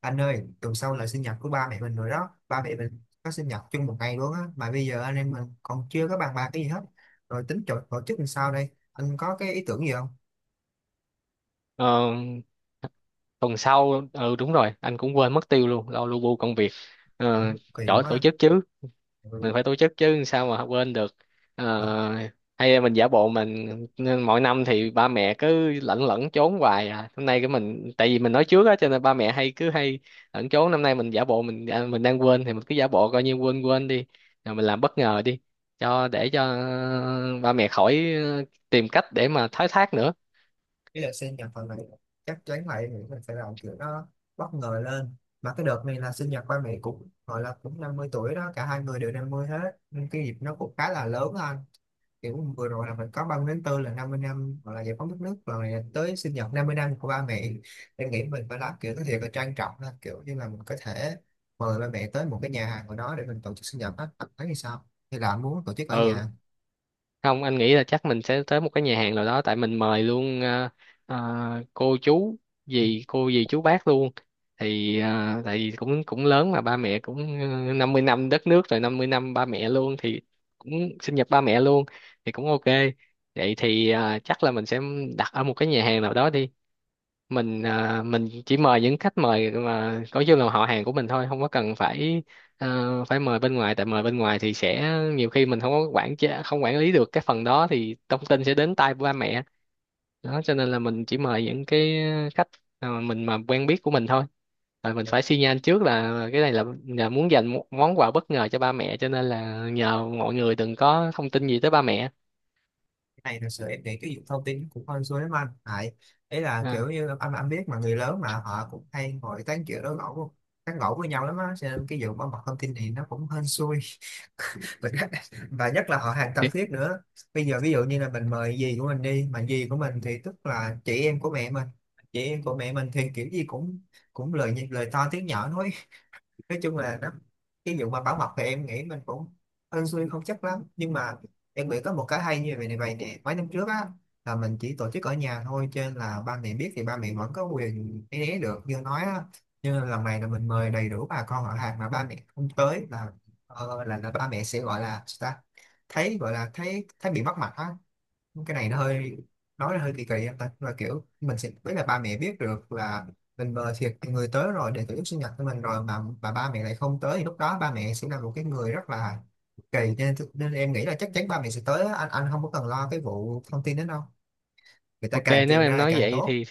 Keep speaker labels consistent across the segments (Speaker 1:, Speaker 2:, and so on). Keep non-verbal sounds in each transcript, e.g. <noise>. Speaker 1: Anh ơi, tuần sau là sinh nhật của ba mẹ mình rồi đó. Ba mẹ mình có sinh nhật chung một ngày luôn á, mà bây giờ anh em mình còn chưa có bàn bạc cái gì hết. Rồi tính tổ chức làm sao đây, anh có cái ý tưởng gì không?
Speaker 2: Ờ, Tuần sau, ừ, đúng rồi, anh cũng quên mất tiêu luôn, lo lu bu công việc. ờ,
Speaker 1: Cũng kỳ
Speaker 2: Chỗ tổ
Speaker 1: quá.
Speaker 2: chức chứ,
Speaker 1: Ừ.
Speaker 2: mình phải tổ chức chứ sao mà quên được. Ờ, Hay là mình giả bộ mình, nên mỗi năm thì ba mẹ cứ lẩn lẩn trốn hoài, à hôm nay cái mình, tại vì mình nói trước á cho nên ba mẹ hay, cứ hay lẩn trốn. Năm nay mình giả bộ mình, mình đang quên thì mình cứ giả bộ coi như quên quên đi, rồi mình làm bất ngờ đi, cho để cho, ừ, ba mẹ khỏi tìm cách để mà thoái thác nữa.
Speaker 1: Cái là sinh nhật phần này chắc chắn lại nghĩ mình phải làm kiểu nó bất ngờ lên. Mà cái đợt này là sinh nhật ba mẹ cũng gọi là cũng 50 tuổi đó, cả hai người đều 50 hết, nên cái dịp nó cũng khá là lớn á anh. Kiểu vừa rồi là mình có 30 tháng tư là 50 năm hoặc là giải phóng đất nước rồi, này tới sinh nhật 50 năm của ba mẹ. Em nghĩ mình phải làm kiểu có thiệt là trang trọng, là kiểu như là mình có thể mời ba mẹ tới một cái nhà hàng của nó để mình tổ chức sinh nhật á, bạn thấy như sao? Hay là muốn tổ chức ở
Speaker 2: Ừ,
Speaker 1: nhà?
Speaker 2: không, anh nghĩ là chắc mình sẽ tới một cái nhà hàng nào đó, tại mình mời luôn cô chú dì, cô dì chú bác luôn, thì tại vì cũng cũng lớn, mà ba mẹ cũng 50 năm đất nước rồi, 50 năm ba mẹ luôn, thì cũng sinh nhật ba mẹ luôn, thì cũng ok. Vậy thì chắc là mình sẽ đặt ở một cái nhà hàng nào đó đi. Mình chỉ mời những khách mời mà có chung là họ hàng của mình thôi, không có cần phải ờ, phải mời bên ngoài. Tại mời bên ngoài thì sẽ nhiều khi mình không có quản chế, không quản lý được cái phần đó, thì thông tin sẽ đến tai ba mẹ đó, cho nên là mình chỉ mời những cái khách mà mình mà quen biết của mình thôi, rồi mình phải xi nhan trước là cái này là muốn dành một món quà bất ngờ cho ba mẹ, cho nên là nhờ mọi người đừng có thông tin gì tới ba mẹ.
Speaker 1: Cái này thật sự em nghĩ cái việc thông tin cũng hơi rối lắm anh, tại ấy là
Speaker 2: à,
Speaker 1: kiểu như anh biết, mà người lớn mà họ cũng hay ngồi tán chuyện đó, tán gẫu với nhau lắm á, cho nên cái vụ bảo mật thông tin này nó cũng hên xui mình <laughs> và nhất là họ hàng thân
Speaker 2: thì-
Speaker 1: thiết nữa. Bây giờ ví dụ như là mình mời dì của mình đi, mà dì của mình thì tức là chị em của mẹ mình, chị em của mẹ mình thì kiểu gì cũng cũng lời nhị- lời to tiếng nhỏ nói chung là nó, cái vụ mà bảo mật thì em nghĩ mình cũng hên xui không chắc lắm, nhưng mà em nghĩ có một cái hay như vậy này vậy nè, mấy năm trước á là mình chỉ tổ chức ở nhà thôi, cho nên là ba mẹ biết thì ba mẹ vẫn có quyền né né được như nói á. Nhưng mà lần này là mình mời đầy đủ bà con họ hàng mà ba mẹ không tới là ba mẹ sẽ gọi là sao ta, thấy gọi là thấy thấy bị mất mặt á. Cái này nó hơi nói là hơi kỳ kỳ em ta, là kiểu mình sẽ biết là ba mẹ biết được là mình mời thiệt người tới rồi để tổ chức sinh nhật của mình rồi, mà ba mẹ lại không tới thì lúc đó ba mẹ sẽ là một cái người rất là kỳ, nên nên em nghĩ là chắc chắn ba mẹ sẽ tới á. Anh không có cần lo cái vụ thông tin đó đâu, người ta
Speaker 2: ok,
Speaker 1: càng
Speaker 2: nếu
Speaker 1: truyền
Speaker 2: em
Speaker 1: ra thì
Speaker 2: nói
Speaker 1: càng
Speaker 2: vậy
Speaker 1: tốt.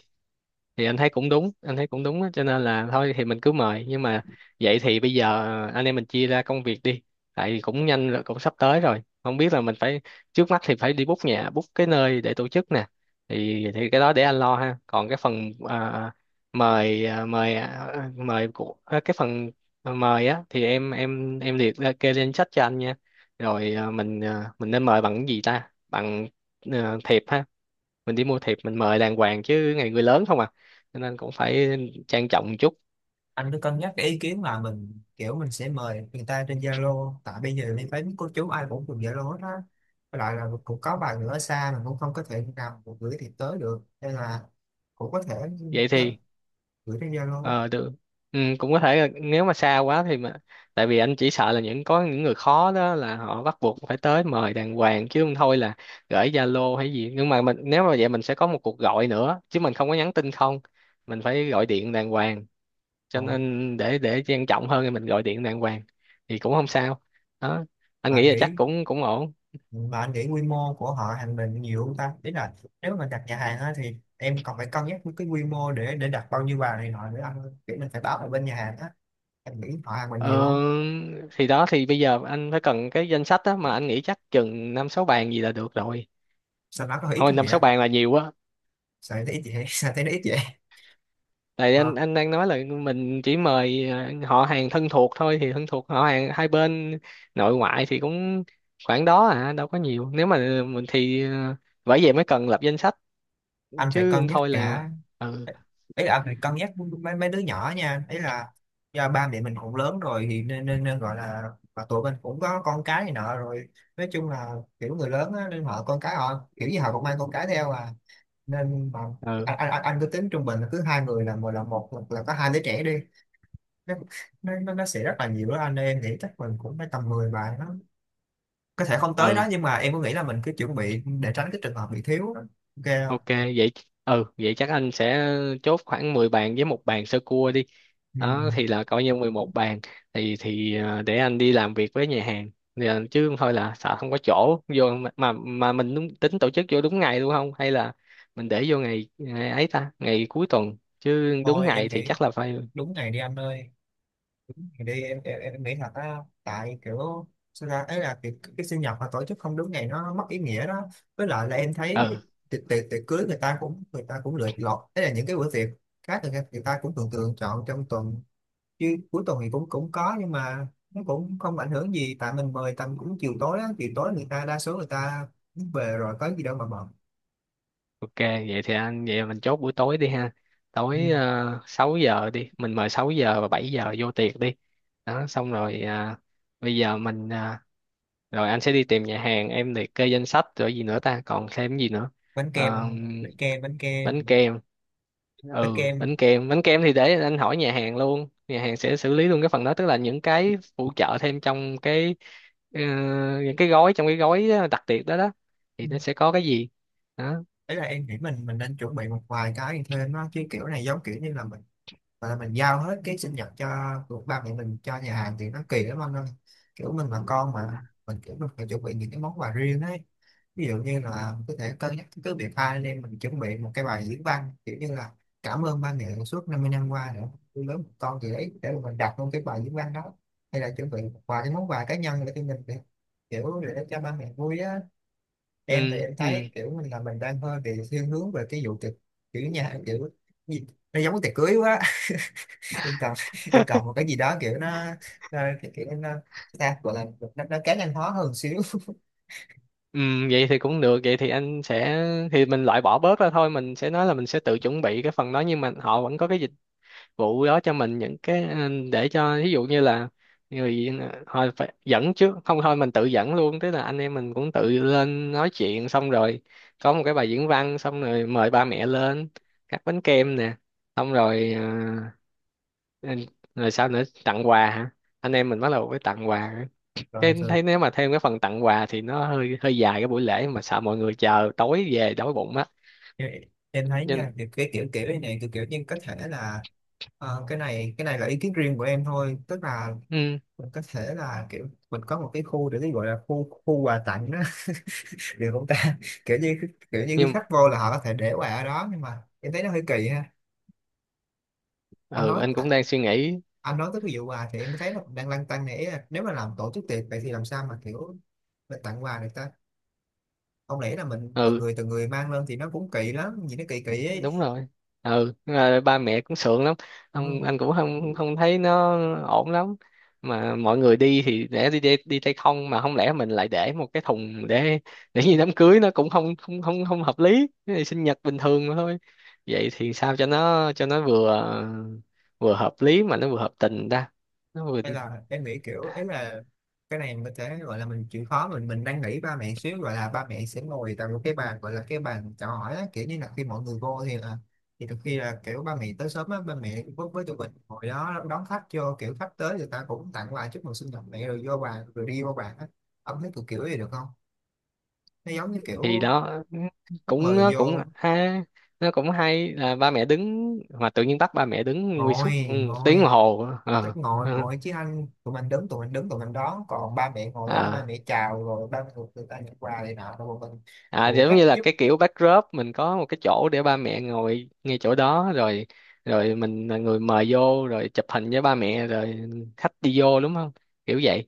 Speaker 2: thì anh thấy cũng đúng, anh thấy cũng đúng á, cho nên là thôi thì mình cứ mời, nhưng mà vậy thì bây giờ anh em mình chia ra công việc đi. Tại vì cũng nhanh rồi, cũng sắp tới rồi, không biết là mình phải, trước mắt thì phải đi book nhà, book cái nơi để tổ chức nè, thì cái đó để anh lo ha. Còn cái phần mời mời của cái phần mời á, thì em liệt ra kê lên sách cho anh nha. Rồi mình nên mời bằng cái gì ta, bằng thiệp ha, mình đi mua thiệp mình mời đàng hoàng chứ, ngày người lớn không à, cho nên cũng phải trang trọng một chút.
Speaker 1: Anh cứ cân nhắc cái ý kiến là mình kiểu mình sẽ mời người ta trên Zalo, tại bây giờ mình thấy cô chú ai cũng dùng Zalo hết á. Với lại là cũng có vài người ở xa mình cũng không có thể nào mà gửi thiệp tới được, nên là cũng có thể
Speaker 2: Vậy thì
Speaker 1: gửi trên Zalo
Speaker 2: ờ được. Ừ, cũng có thể là nếu mà xa quá thì mà, tại vì anh chỉ sợ là những có những người khó đó là họ bắt buộc phải tới mời đàng hoàng, chứ không thôi là gửi Zalo hay gì. Nhưng mà mình nếu mà vậy mình sẽ có một cuộc gọi nữa, chứ mình không có nhắn tin không, mình phải gọi điện đàng hoàng, cho
Speaker 1: còn.
Speaker 2: nên để trang trọng hơn thì mình gọi điện đàng hoàng, thì cũng không sao đó. Anh
Speaker 1: mà anh
Speaker 2: nghĩ là chắc
Speaker 1: nghĩ
Speaker 2: cũng cũng ổn.
Speaker 1: mà anh nghĩ quy mô của họ hàng mình nhiều không ta, ý là nếu mà đặt nhà hàng á thì em còn phải cân nhắc với cái quy mô để đặt bao nhiêu bàn này nọ nữa anh ơi. Kiểu mình phải báo ở bên nhà hàng á, em nghĩ họ hàng mình nhiều
Speaker 2: Ờ,
Speaker 1: không,
Speaker 2: thì đó, thì bây giờ anh phải cần cái danh sách á, mà anh nghĩ chắc chừng năm sáu bàn gì là được rồi.
Speaker 1: sao nó có ít
Speaker 2: Thôi
Speaker 1: không
Speaker 2: năm
Speaker 1: vậy
Speaker 2: sáu
Speaker 1: á,
Speaker 2: bàn là nhiều quá.
Speaker 1: sao thấy ít vậy <laughs> sao thấy nó ít vậy.
Speaker 2: Tại anh
Speaker 1: Ờ.
Speaker 2: anh đang nói là mình chỉ mời họ hàng thân thuộc thôi, thì thân thuộc họ hàng hai bên nội ngoại thì cũng khoảng đó à, đâu có nhiều. Nếu mà mình thì bởi vậy mới cần lập danh sách,
Speaker 1: Anh phải
Speaker 2: chứ
Speaker 1: cân
Speaker 2: không
Speaker 1: nhắc
Speaker 2: thôi là,
Speaker 1: cả,
Speaker 2: ừ,
Speaker 1: ý là anh phải cân nhắc mấy mấy đứa nhỏ nha, ý là do ba mẹ mình cũng lớn rồi thì nên nên, nên gọi là, mà tụi mình cũng có con cái này nọ rồi, nói chung là kiểu người lớn á, nên họ con cái họ kiểu gì họ cũng mang con cái theo à. Nên mà anh
Speaker 2: ừ,
Speaker 1: anh, anh anh cứ tính trung bình là cứ hai người là một là có hai đứa trẻ đi, nó nó sẽ rất là nhiều đó anh ơi. Em nghĩ chắc mình cũng phải tầm 10 bài nó có thể không tới
Speaker 2: ừ.
Speaker 1: đó, nhưng mà em có nghĩ là mình cứ chuẩn bị để tránh cái trường hợp bị thiếu đó. Ok
Speaker 2: Ok
Speaker 1: không?
Speaker 2: vậy, ừ, vậy chắc anh sẽ chốt khoảng 10 bàn với 1 bàn sơ cua đi.
Speaker 1: Ừ.
Speaker 2: Đó thì là coi như 11 bàn, thì để anh đi làm việc với nhà hàng. Thì, ờ, chứ không thôi là sợ không có chỗ vô, mà mình đúng, tính tổ chức vô đúng ngày luôn không, hay là mình để vô ngày, ngày ấy ta, ngày cuối tuần chứ đúng
Speaker 1: Thôi
Speaker 2: ngày
Speaker 1: em
Speaker 2: thì
Speaker 1: nghĩ
Speaker 2: chắc là phải.
Speaker 1: đúng ngày đi anh ơi, ngày đi em nghĩ thật á. Tại kiểu sao ra ấy là cái sinh nhật mà tổ chức không đúng ngày nó mất ý nghĩa đó. Với lại là em thấy
Speaker 2: Ừ,
Speaker 1: tiệc tiệc tiệc cưới người ta cũng lựa lọt, ấy là những cái bữa tiệc khác người ta cũng thường thường chọn trong tuần, chứ cuối tuần thì cũng cũng có, nhưng mà nó cũng không ảnh hưởng gì, tại mình mời tầm cũng chiều tối á, chiều tối người ta đa số người ta về rồi, có gì đâu mà bận.
Speaker 2: ok, vậy thì anh, vậy mình chốt buổi tối đi ha.
Speaker 1: Ừ.
Speaker 2: Tối, 6 giờ đi, mình mời 6 giờ và 7 giờ vô tiệc đi. Đó xong rồi bây giờ rồi anh sẽ đi tìm nhà hàng, em liệt kê danh sách, rồi gì nữa ta, còn thêm gì nữa.
Speaker 1: Bánh kem
Speaker 2: Ờ,
Speaker 1: anh ơi, bánh kem bánh
Speaker 2: Bánh
Speaker 1: kem
Speaker 2: kem,
Speaker 1: bánh
Speaker 2: ừ,
Speaker 1: kem.
Speaker 2: bánh kem thì để anh hỏi nhà hàng luôn, nhà hàng sẽ xử lý luôn cái phần đó, tức là những cái phụ trợ thêm trong cái, ờ, những cái gói, trong cái gói đặc biệt đó đó, thì nó sẽ có cái gì đó.
Speaker 1: Đấy là em nghĩ mình nên chuẩn bị một vài cái thêm á, chứ kiểu này giống kiểu như là mình gọi là mình giao hết cái sinh nhật cho của ba mẹ mình cho nhà hàng thì nó kỳ lắm anh ơi. Kiểu mình là con mà, mình kiểu mình phải chuẩn bị những cái món quà riêng ấy, ví dụ như là có thể cân nhắc cứ việc hai anh em mình chuẩn bị một cái bài diễn văn, kiểu như là cảm ơn ba mẹ suốt 50 năm qua nữa nuôi lớn một con gì đấy, để mà mình đặt luôn cái bài diễn văn đó, hay là chuẩn bị một vài cái món quà cá nhân để cho mình, kiểu để cho ba mẹ vui á. Em thì
Speaker 2: Ừ,
Speaker 1: em
Speaker 2: ừ,
Speaker 1: thấy kiểu mình là mình đang hơi bị thiên hướng về cái vụ tiệc, kiểu nhà kiểu gì? Nó giống cái tiệc cưới quá <laughs> em cần em cần một cái gì đó kiểu nó kiểu nó, sao gọi là nó cá nhân hóa hơn xíu.
Speaker 2: ừ, vậy thì cũng được. Vậy thì anh sẽ, thì mình loại bỏ bớt ra thôi, mình sẽ nói là mình sẽ tự chuẩn bị cái phần đó, nhưng mà họ vẫn có cái vụ đó cho mình những cái để cho ví dụ như là người thôi phải dẫn trước, không thôi mình tự dẫn luôn, tức là anh em mình cũng tự lên nói chuyện xong rồi có một cái bài diễn văn, xong rồi mời ba mẹ lên cắt bánh kem nè, xong rồi ờ, rồi sao nữa, tặng quà hả. Anh em mình bắt đầu với tặng quà,
Speaker 1: <laughs> Rồi
Speaker 2: cái
Speaker 1: thường
Speaker 2: thấy nếu mà thêm cái phần tặng quà thì nó hơi hơi dài cái buổi lễ, mà sợ mọi người chờ tối về đói bụng á.
Speaker 1: em em thấy
Speaker 2: Nhưng,
Speaker 1: nha, thì cái kiểu kiểu này này kiểu kiểu nhưng có thể là, cái này là ý kiến riêng của em thôi, tức là
Speaker 2: ừ,
Speaker 1: mình có thể là kiểu mình có một cái khu để cái gọi là khu khu quà tặng đó <laughs> được không ta? Kiểu như khi
Speaker 2: nhưng,
Speaker 1: khách vô là họ có thể để quà ở đó, nhưng mà em thấy nó hơi kỳ ha. anh
Speaker 2: ừ,
Speaker 1: nói
Speaker 2: anh cũng đang suy nghĩ.
Speaker 1: anh nói tới cái vụ quà thì em thấy nó cũng đang lăn tăn nè, ý là nếu mà làm tổ chức tiệc vậy thì làm sao mà kiểu mình tặng quà được ta? Không lẽ là mình
Speaker 2: Ừ,
Speaker 1: từng người mang lên thì nó cũng kỳ lắm, nhìn nó kỳ kỳ ấy.
Speaker 2: đúng rồi, ừ, ba mẹ cũng sượng lắm,
Speaker 1: Ừ.
Speaker 2: ông anh cũng không không thấy nó ổn lắm, mà mọi người đi thì để đi đi, đi tay không, mà không lẽ mình lại để một cái thùng để như đám cưới nó cũng không không không không hợp lý. Cái này sinh nhật bình thường mà thôi. Vậy thì sao cho nó vừa, vừa hợp lý mà nó vừa hợp tình ta, nó vừa,
Speaker 1: Hay là em nghĩ kiểu ấy là cái này mình có thể gọi là mình chịu khó mình đang nghĩ ba mẹ xíu, gọi là ba mẹ sẽ ngồi tại một cái bàn gọi là cái bàn chào hỏi á, kiểu như là khi mọi người vô thì là, thì đôi khi là kiểu ba mẹ tới sớm á, ba mẹ với tụi mình ngồi đó đón khách vô, kiểu khách tới người ta cũng tặng quà chúc mừng sinh nhật mẹ rồi vô bàn rồi đi vô bàn á. Ông thấy kiểu kiểu gì được không, nó giống như
Speaker 2: thì
Speaker 1: kiểu
Speaker 2: đó
Speaker 1: khách
Speaker 2: cũng
Speaker 1: mời
Speaker 2: nó cũng
Speaker 1: vô,
Speaker 2: ha, nó cũng hay là ba mẹ đứng mà tự nhiên bắt ba mẹ đứng nguyên suốt
Speaker 1: ngồi
Speaker 2: một tiếng đồng
Speaker 1: ngồi,
Speaker 2: hồ. Ờ.
Speaker 1: chắc ngồi
Speaker 2: ờ.
Speaker 1: ngồi chứ anh, tụi mình đứng tụi mình đón, còn ba mẹ ngồi đó là ba
Speaker 2: à
Speaker 1: mẹ chào rồi ba mẹ người ta nhận quà này nọ rồi bọn mình
Speaker 2: À,
Speaker 1: phụ
Speaker 2: giống
Speaker 1: trách
Speaker 2: như là
Speaker 1: giúp,
Speaker 2: cái kiểu backdrop, mình có một cái chỗ để ba mẹ ngồi ngay chỗ đó rồi, rồi mình là người mời vô rồi chụp hình với ba mẹ rồi khách đi vô, đúng không, kiểu vậy.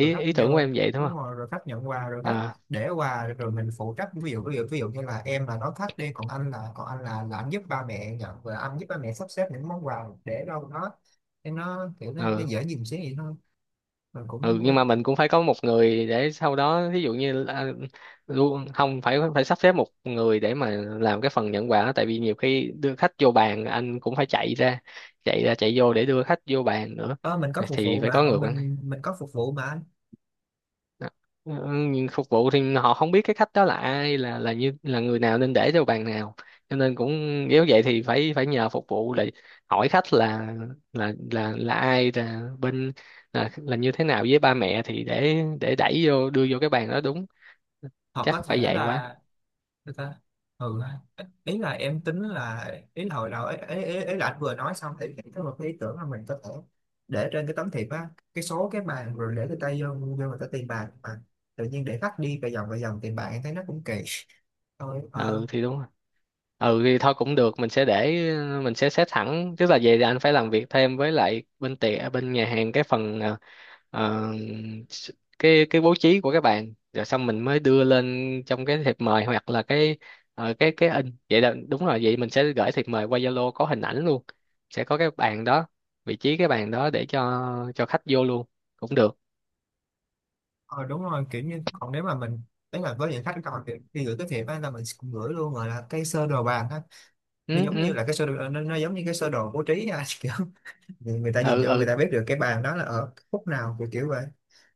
Speaker 1: rồi khách
Speaker 2: ý
Speaker 1: vô.
Speaker 2: tưởng của em vậy đúng
Speaker 1: Đúng
Speaker 2: không.
Speaker 1: rồi, rồi khách nhận quà rồi khách
Speaker 2: À,
Speaker 1: để quà rồi mình phụ trách. Ví dụ như là em là nói khách đi, còn anh là anh giúp ba mẹ nhận và anh giúp ba mẹ sắp xếp những món quà để đâu, nó để nó kiểu nó
Speaker 2: ừ,
Speaker 1: dễ dìm xíu vậy thôi. Mình
Speaker 2: ừ,
Speaker 1: cũng
Speaker 2: nhưng mà mình cũng phải có một người để sau đó, ví dụ như là- luôn không, phải phải sắp xếp một người để mà làm cái phần nhận quà, tại vì nhiều khi đưa khách vô bàn anh cũng phải chạy ra, chạy vô để đưa khách vô bàn nữa,
Speaker 1: ờ, mình có phục
Speaker 2: thì
Speaker 1: vụ
Speaker 2: phải
Speaker 1: mà,
Speaker 2: có người quản.
Speaker 1: mình có phục vụ mà anh.
Speaker 2: Đó. Ừ, nhưng phục vụ thì họ không biết cái khách đó là ai, là người nào nên để cho bàn nào, cho nên cũng nếu vậy thì phải phải nhờ phục vụ để hỏi khách là là ai, là bên, là như thế nào với ba mẹ thì để đẩy vô đưa vô cái bàn đó đúng.
Speaker 1: Hoặc
Speaker 2: Chắc
Speaker 1: có
Speaker 2: phải
Speaker 1: thể
Speaker 2: vậy quá.
Speaker 1: là, thế ta? Ừ ha. Ý là em tính là, ý là hồi đầu ấy là anh vừa nói xong thì em có một cái ý tưởng là mình có thể để trên cái tấm thiệp á cái số cái bàn, rồi để cái tay vô vô người ta tiền bạc mà, tự nhiên để khách đi vài vòng tiền bạc em thấy nó cũng kỳ, thôi ờ
Speaker 2: Ừ thì đúng, ừ thì thôi cũng được. Mình sẽ để, mình sẽ set thẳng, tức là vậy thì anh phải làm việc thêm với lại bên tiệm, bên nhà hàng cái phần, ờ, s- cái bố trí của các bạn rồi xong mình mới đưa lên trong cái thiệp mời hoặc là cái, cái in, vậy là đúng rồi. Vậy mình sẽ gửi thiệp mời qua Zalo có hình ảnh luôn, sẽ có cái bàn đó, vị trí cái bàn đó để cho khách vô luôn, cũng được.
Speaker 1: ờ, Đúng rồi, kiểu như còn nếu mà mình, đấy là với những khách còn thì gửi cái thiệp á là mình cũng gửi luôn gọi là cái sơ đồ bàn á, nó
Speaker 2: Ừ,
Speaker 1: giống như
Speaker 2: ừ,
Speaker 1: là cái sơ đồ nó giống như cái sơ đồ bố trí á <laughs> nhưng người ta nhìn
Speaker 2: ừ,
Speaker 1: vô
Speaker 2: ừ,
Speaker 1: người ta biết được cái bàn đó là ở khúc nào kiểu kiểu vậy.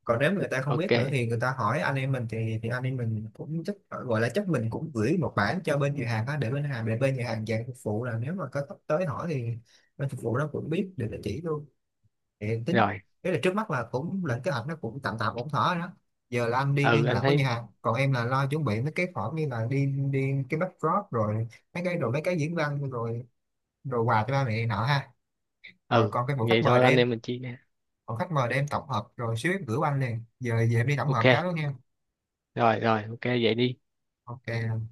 Speaker 1: Còn nếu người ta không biết nữa
Speaker 2: ok
Speaker 1: thì người ta hỏi anh em mình thì anh em mình cũng chắc gọi là chắc mình cũng gửi một bản cho bên nhà hàng đó để bên nhà hàng dàn phục vụ là, nếu mà có khách tới hỏi thì bên phục vụ nó cũng biết để nó chỉ luôn. Thì tính
Speaker 2: rồi.
Speaker 1: thế là trước mắt là cũng lên kế hoạch nó cũng tạm tạm ổn thỏa rồi đó. Giờ là anh đi
Speaker 2: Ừ
Speaker 1: liên
Speaker 2: anh
Speaker 1: lạc với
Speaker 2: thấy,
Speaker 1: nhà hàng, còn em là lo chuẩn bị mấy cái khoản như là đi đi cái backdrop, rồi mấy cái đồ mấy cái diễn văn, rồi đồ quà cho ba mẹ nọ ha. Rồi
Speaker 2: ừ
Speaker 1: còn cái bộ
Speaker 2: vậy
Speaker 1: khách mời
Speaker 2: thôi
Speaker 1: để
Speaker 2: anh
Speaker 1: em,
Speaker 2: em mình chia,
Speaker 1: còn khách mời đem tổng hợp rồi xíu em gửi qua anh liền, giờ về em đi tổng hợp
Speaker 2: ok,
Speaker 1: cái đó nha.
Speaker 2: rồi rồi, ok vậy đi.
Speaker 1: Ok.